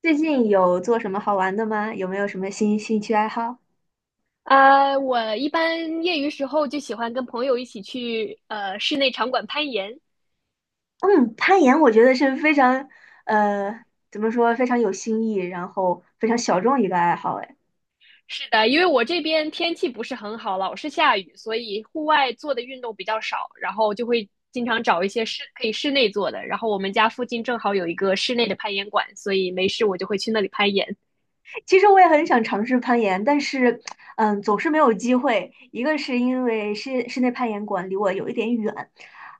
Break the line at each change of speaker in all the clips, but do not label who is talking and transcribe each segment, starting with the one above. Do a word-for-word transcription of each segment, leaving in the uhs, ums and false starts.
最近有做什么好玩的吗？有没有什么新兴趣爱好？
呃，我一般业余时候就喜欢跟朋友一起去呃室内场馆攀岩。
嗯，攀岩我觉得是非常，呃，怎么说，非常有新意，然后非常小众一个爱好。哎，
是的，因为我这边天气不是很好，老是下雨，所以户外做的运动比较少，然后就会经常找一些室可以室内做的。然后我们家附近正好有一个室内的攀岩馆，所以没事我就会去那里攀岩。
其实我也很想尝试攀岩，但是，嗯，总是没有机会。一个是因为室室内攀岩馆离我有一点远，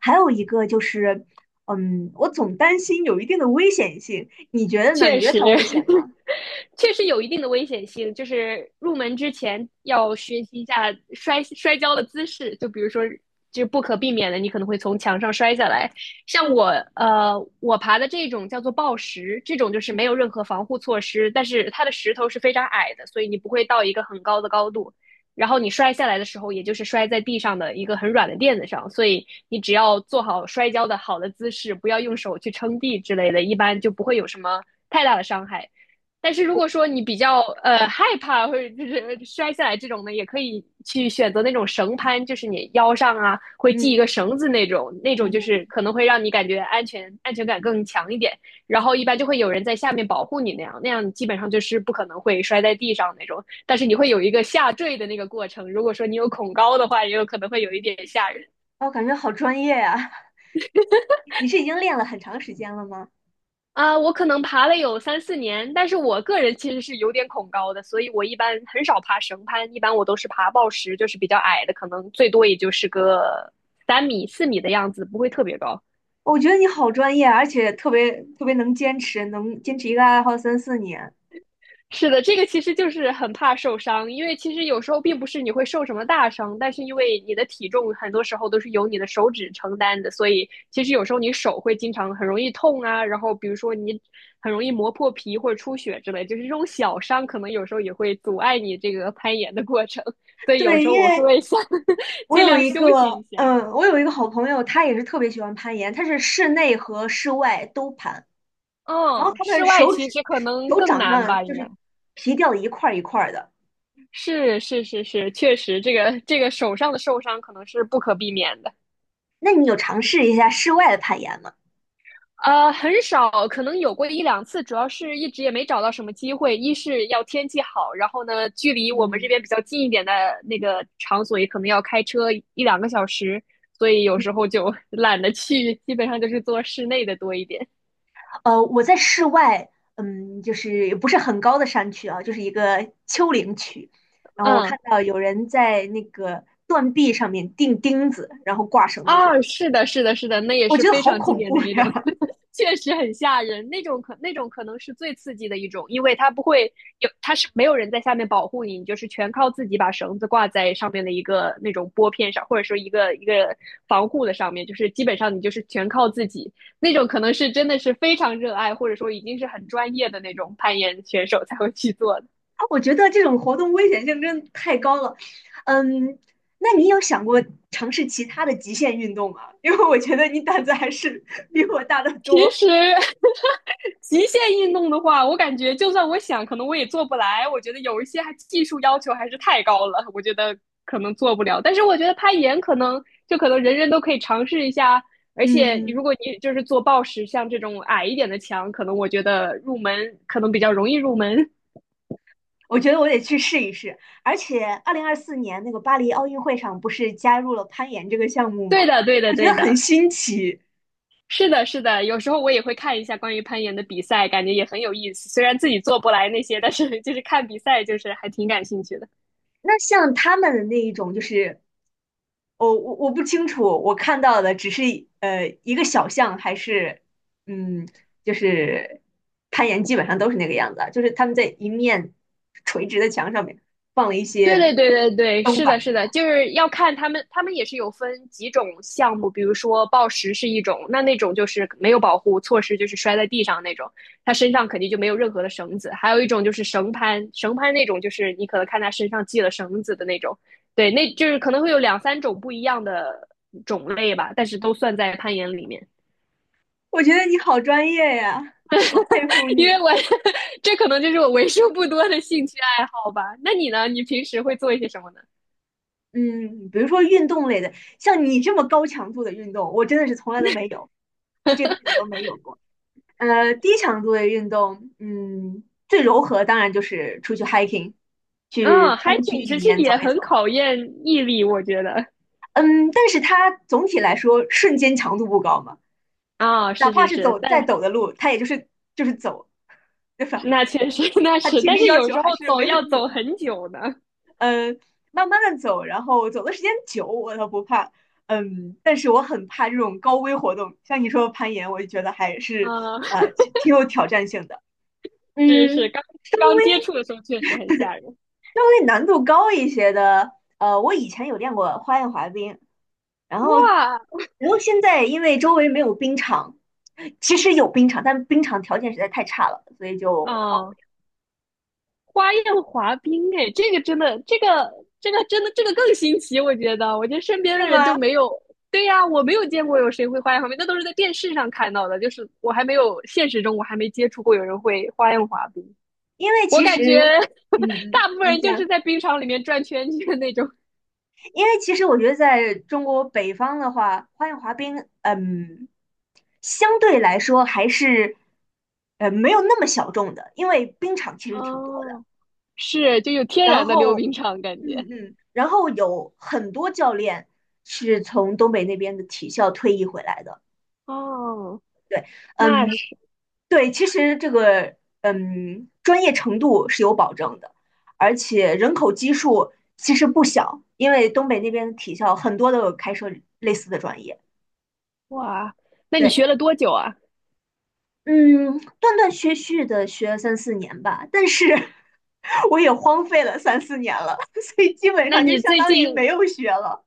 还有一个就是，嗯，我总担心有一定的危险性。你觉得呢？
确
你觉得
实，
它危险吗？
确实有一定的危险性。就是入门之前要学习一下摔摔跤的姿势，就比如说，就不可避免的，你可能会从墙上摔下来。像我，呃，我爬的这种叫做抱石，这种就是没有任何防护措施，但是它的石头是非常矮的，所以你不会到一个很高的高度。然后你摔下来的时候，也就是摔在地上的一个很软的垫子上，所以你只要做好摔跤的好的姿势，不要用手去撑地之类的，一般就不会有什么太大的伤害。但是如果说你比较呃害怕或者就是摔下来这种呢，也可以去选择那种绳攀，就是你腰上啊会系一个
嗯
绳子那种，那种
嗯
就是
哼。
可能会让你感觉安全安全感更强一点。然后一般就会有人在下面保护你那样，那样基本上就是不可能会摔在地上那种。但是你会有一个下坠的那个过程，如果说你有恐高的话，也有可能会有一点吓人。
我感觉好专业呀、你是已经练了很长时间了吗？
啊，我可能爬了有三四年，但是我个人其实是有点恐高的，所以我一般很少爬绳攀，一般我都是爬抱石，就是比较矮的，可能最多也就是个三米、四米的样子，不会特别高。
我觉得你好专业，而且特别特别能坚持，能坚持一个爱好三四年。
是的，这个其实就是很怕受伤，因为其实有时候并不是你会受什么大伤，但是因为你的体重很多时候都是由你的手指承担的，所以其实有时候你手会经常很容易痛啊，然后比如说你很容易磨破皮或者出血之类，就是这种小伤可能有时候也会阻碍你这个攀岩的过程，所以有
对，
时候
因
我是
为
会想
我
尽
有
量
一
休息
个，
一下。
嗯，我有一个好朋友，他也是特别喜欢攀岩，他是室内和室外都攀，然后
嗯，
他的
室外
手
其
指
实可能
手
更
掌
难
上
吧，
就
应该
是皮掉的一块儿一块儿的。
是是是是，确实这个这个手上的受伤可能是不可避免的。
那你有尝试一下室外的攀岩吗？
呃，很少，可能有过一两次，主要是一直也没找到什么机会。一是要天气好，然后呢，距离我们这
嗯，
边比较近一点的那个场所，也可能要开车一两个小时，所以有时候就 懒得去，基本上就是做室内的多一点。
呃，我在室外，嗯，就是不是很高的山区啊，就是一个丘陵区。然后我
嗯，
看到有人在那个断壁上面钉钉子，然后挂绳子去，
啊，是的，是的，是的，那也
我
是
觉得
非
好
常经
恐
典的
怖
一种，
呀！
确实很吓人。那种可那种可能是最刺激的一种，因为它不会有，它是没有人在下面保护你，你就是全靠自己把绳子挂在上面的一个那种拨片上，或者说一个一个防护的上面，就是基本上你就是全靠自己。那种可能是真的是非常热爱，或者说已经是很专业的那种攀岩选手才会去做的。
我觉得这种活动危险性真的太高了。嗯，那你有想过尝试其他的极限运动吗？因为我觉得你胆子还是 比我大得
其
多。
实极限运动的话，我感觉就算我想，可能我也做不来。我觉得有一些还技术要求还是太高了，我觉得可能做不了。但是我觉得攀岩可能就可能人人都可以尝试一下，而且如
嗯。
果你就是做抱石，像这种矮一点的墙，可能我觉得入门可能比较容易入门。
我觉得我得去试一试。而且，二零二四年那个巴黎奥运会上不是加入了攀岩这个项目 吗？
对的，对的，
我觉得
对
很
的，
新奇。
是的，是的。有时候我也会看一下关于攀岩的比赛，感觉也很有意思。虽然自己做不来那些，但是就是看比赛，就是还挺感兴趣的。
那像他们的那一种，就是我我我不清楚，我看到的只是呃一个小项，还是嗯，就是攀岩基本上都是那个样子啊，就是他们在一面垂直的墙上面放了一
对
些
对对对对，
灯
是的，
板。
是的，就是要看他们，他们也是有分几种项目，比如说暴食是一种，那那种就是没有保护措施，就是摔在地上那种，他身上肯定就没有任何的绳子；还有一种就是绳攀，绳攀那种就是你可能看他身上系了绳子的那种，对，那就是可能会有两三种不一样的种类吧，但是都算在攀岩里面。
我觉得你好专业呀，好佩服
因为
你。
我 这可能就是我为数不多的兴趣爱好吧。那你呢？你平时会做一些什么呢？
嗯，比如说运动类的，像你这么高强度的运动，我真的是从来都没有，这辈子都没有过。呃，低强度的运动，嗯，最柔和当然就是出去 hiking，去
啊 h i
山区
k i n g
里
其实
面走
也
一
很
走。
考验毅力，我觉得。
嗯，但是它总体来说瞬间强度不高嘛，
啊，
哪
是
怕
是
是
是，
走再
但
陡的路，它也就是就是走，对吧？
那确实 那
它
是，
体
但
力
是
要
有
求
时候
还是
走
没有
要
那么
走
高。
很久呢。
嗯，慢慢的走，然后走的时间久我倒不怕，嗯，但是我很怕这种高危活动，像你说的攀岩，我就觉得还是
啊，
呃 挺挺有挑战性的，
是是，
嗯，
刚刚接触的时候确实很吓人。
稍微难度高一些的，呃，我以前有练过花样滑冰，然后
哇，
然后现在因为周围没有冰场，其实有冰场，但冰场条件实在太差了，所以就荒
啊，花样滑冰，哎，这个真的，这个这个真的，这个更新奇，我觉得，我觉得身
废
边
是
的人就
吗？
没有。对呀，我没有见过有谁会花样滑冰，那都是在电视上看到的，就是我还没有现实中我还没接触过有人会花样滑冰。
因为
我
其实，
感觉
嗯嗯，
大部分
你
人就
讲。
是在冰场里面转圈圈那种，
因为其实我觉得在中国北方的话，花样滑冰，嗯，相对来说还是，呃，没有那么小众的，因为冰场其实挺多的。
哦是就有天
然
然的溜
后，
冰场感觉。
嗯嗯，然后有很多教练是从东北那边的体校退役回来的。
哦，
对，
那
嗯，
是
对，其实这个，嗯，专业程度是有保证的，而且人口基数其实不小，因为东北那边的体校很多都有开设类似的专业。
哇，那你
对，
学了多久啊？
嗯，断断续续的学了三四年吧，但是 我也荒废了三四年了，所以基本
那
上就
你
相
最
当
近，
于没有学了。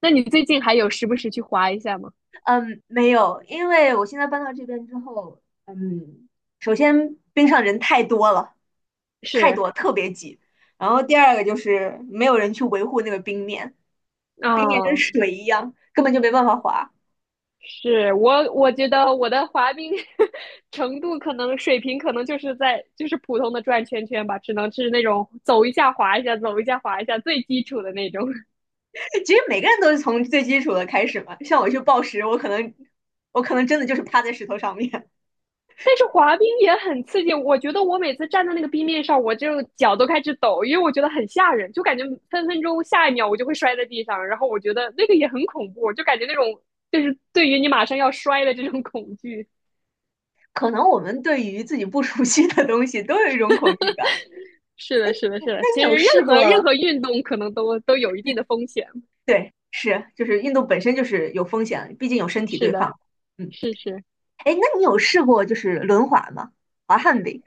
那你最近还有时不时去滑一下吗？
嗯，没有，因为我现在搬到这边之后，嗯，首先边上人太多了，太
是
多，特别挤。然后第二个就是没有人去维护那个冰面，冰面跟
哦，
水一样，根本就没办法滑。
是我我觉得我的滑冰 程度可能水平可能就是在就是普通的转圈圈吧，只能是那种走一下滑一下，走一下滑一下最基础的那种。
其实每个人都是从最基础的开始嘛，像我去报食，我可能我可能真的就是趴在石头上面。
但是滑冰也很刺激，我觉得我每次站在那个冰面上，我就脚都开始抖，因为我觉得很吓人，就感觉分分钟下一秒我就会摔在地上，然后我觉得那个也很恐怖，就感觉那种就是对于你马上要摔的这种恐惧。
可能我们对于自己不熟悉的东西都有一种恐惧感。
是的，是的，是的，
那
其
你
实
有
任
试
何任
过？
何运动可能都都有一定的风险。
对，是，就是运动本身就是有风险，毕竟有身体
是
对
的，
抗。嗯，
是是。
哎，那你有试过就是轮滑吗？滑旱冰？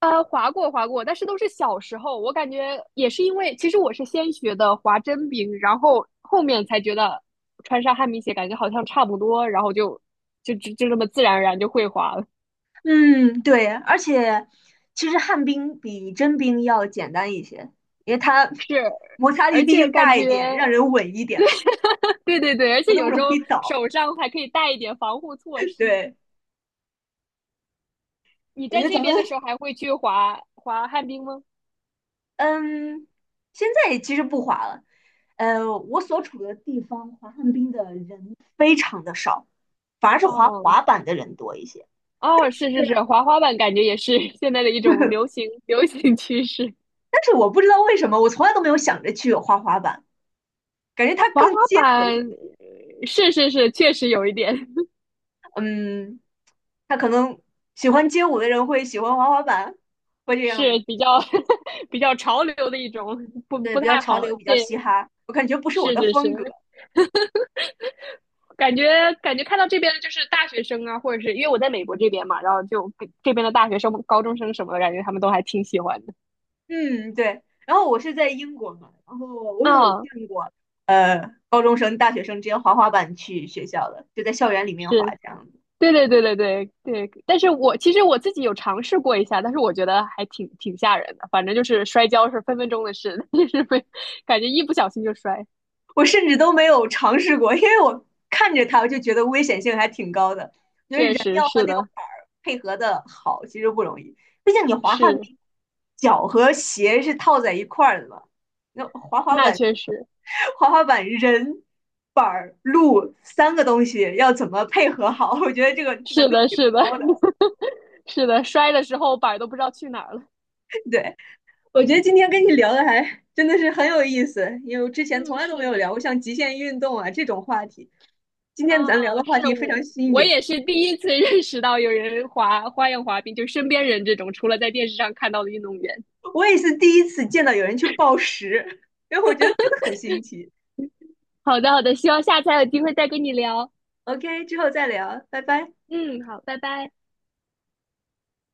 呃，滑过滑过，但是都是小时候。我感觉也是因为，其实我是先学的滑真冰，然后后面才觉得穿上旱冰鞋感觉好像差不多，然后就就就就这么自然而然就会滑了。
嗯，对，而且其实旱冰比真冰要简单一些，因为它
是，
摩擦力
而
毕
且
竟
感
大
觉，
一点，让人稳一点吧，
对对对，而
不
且
那么
有时
容
候
易倒。
手上还可以带一点防护措 施。
对，
你
我觉
在
得
这
咱们
边的时候还会去滑滑旱冰吗？
嗯，现在其实不滑了。呃，我所处的地方滑旱冰的人非常的少，反而是滑
哦
滑板的人多一些。
哦，是是是，滑滑板感觉也是 现在的一种流 行流行趋势。
但是我不知道为什么，我从来都没有想着去滑滑板，感觉它
滑
更
滑
街头
板
一点。
是是是，确实有一点
嗯，他可能喜欢街舞的人会喜欢滑滑板，会 这样
是
吗？
比较 比较潮流的一种，不
对，
不
比较
太
潮
好。
流，比较
对，
嘻哈，我感觉不是我
是
的
是是，
风格。
感觉感觉看到这边的就是大学生啊，或者是因为我在美国这边嘛，然后就跟这边的大学生、高中生什么的，感觉他们都还挺喜欢的。
嗯，对。然后我是在英国嘛，然后我有
啊，
见过，呃，高中生、大学生直接滑滑板去学校的，就在校园里面滑
是，
这样子。
对对对对对对。但是我其实我自己有尝试过一下，但是我觉得还挺挺吓人的。反正就是摔跤是分分钟的事，就是会感觉一不小心就摔。
我甚至都没有尝试过，因为我看着它，我就觉得危险性还挺高的，
确实
要和
是
那个
的，
板儿配合的好，其实不容易。毕竟你滑旱
是。
冰，脚和鞋是套在一块儿的嘛，那滑滑
那
板，
确实
滑滑板人。板儿、路三个东西要怎么配合好？我觉得这个难
是
度
的，
挺
是的，
高的。
是的，摔的时候板儿都不知道去哪儿了。
对，我觉得今天跟你聊的还真的是很有意思，因为我之前从
嗯，
来都没
是
有
的，
聊
是
过
的，
像极限运动啊这种话题。今天咱聊
啊，
的话
是
题非常
我
新
我
颖，
也是第一次 认识到有人滑花样滑冰，就身边人这种，除了在电视上看到的运动员。
我也是第一次见到有人去暴食，因为我觉得真的很新奇。
好的，好的，希望下次还有机会再跟你聊。
OK，之后再聊，拜拜。
嗯，好，拜拜。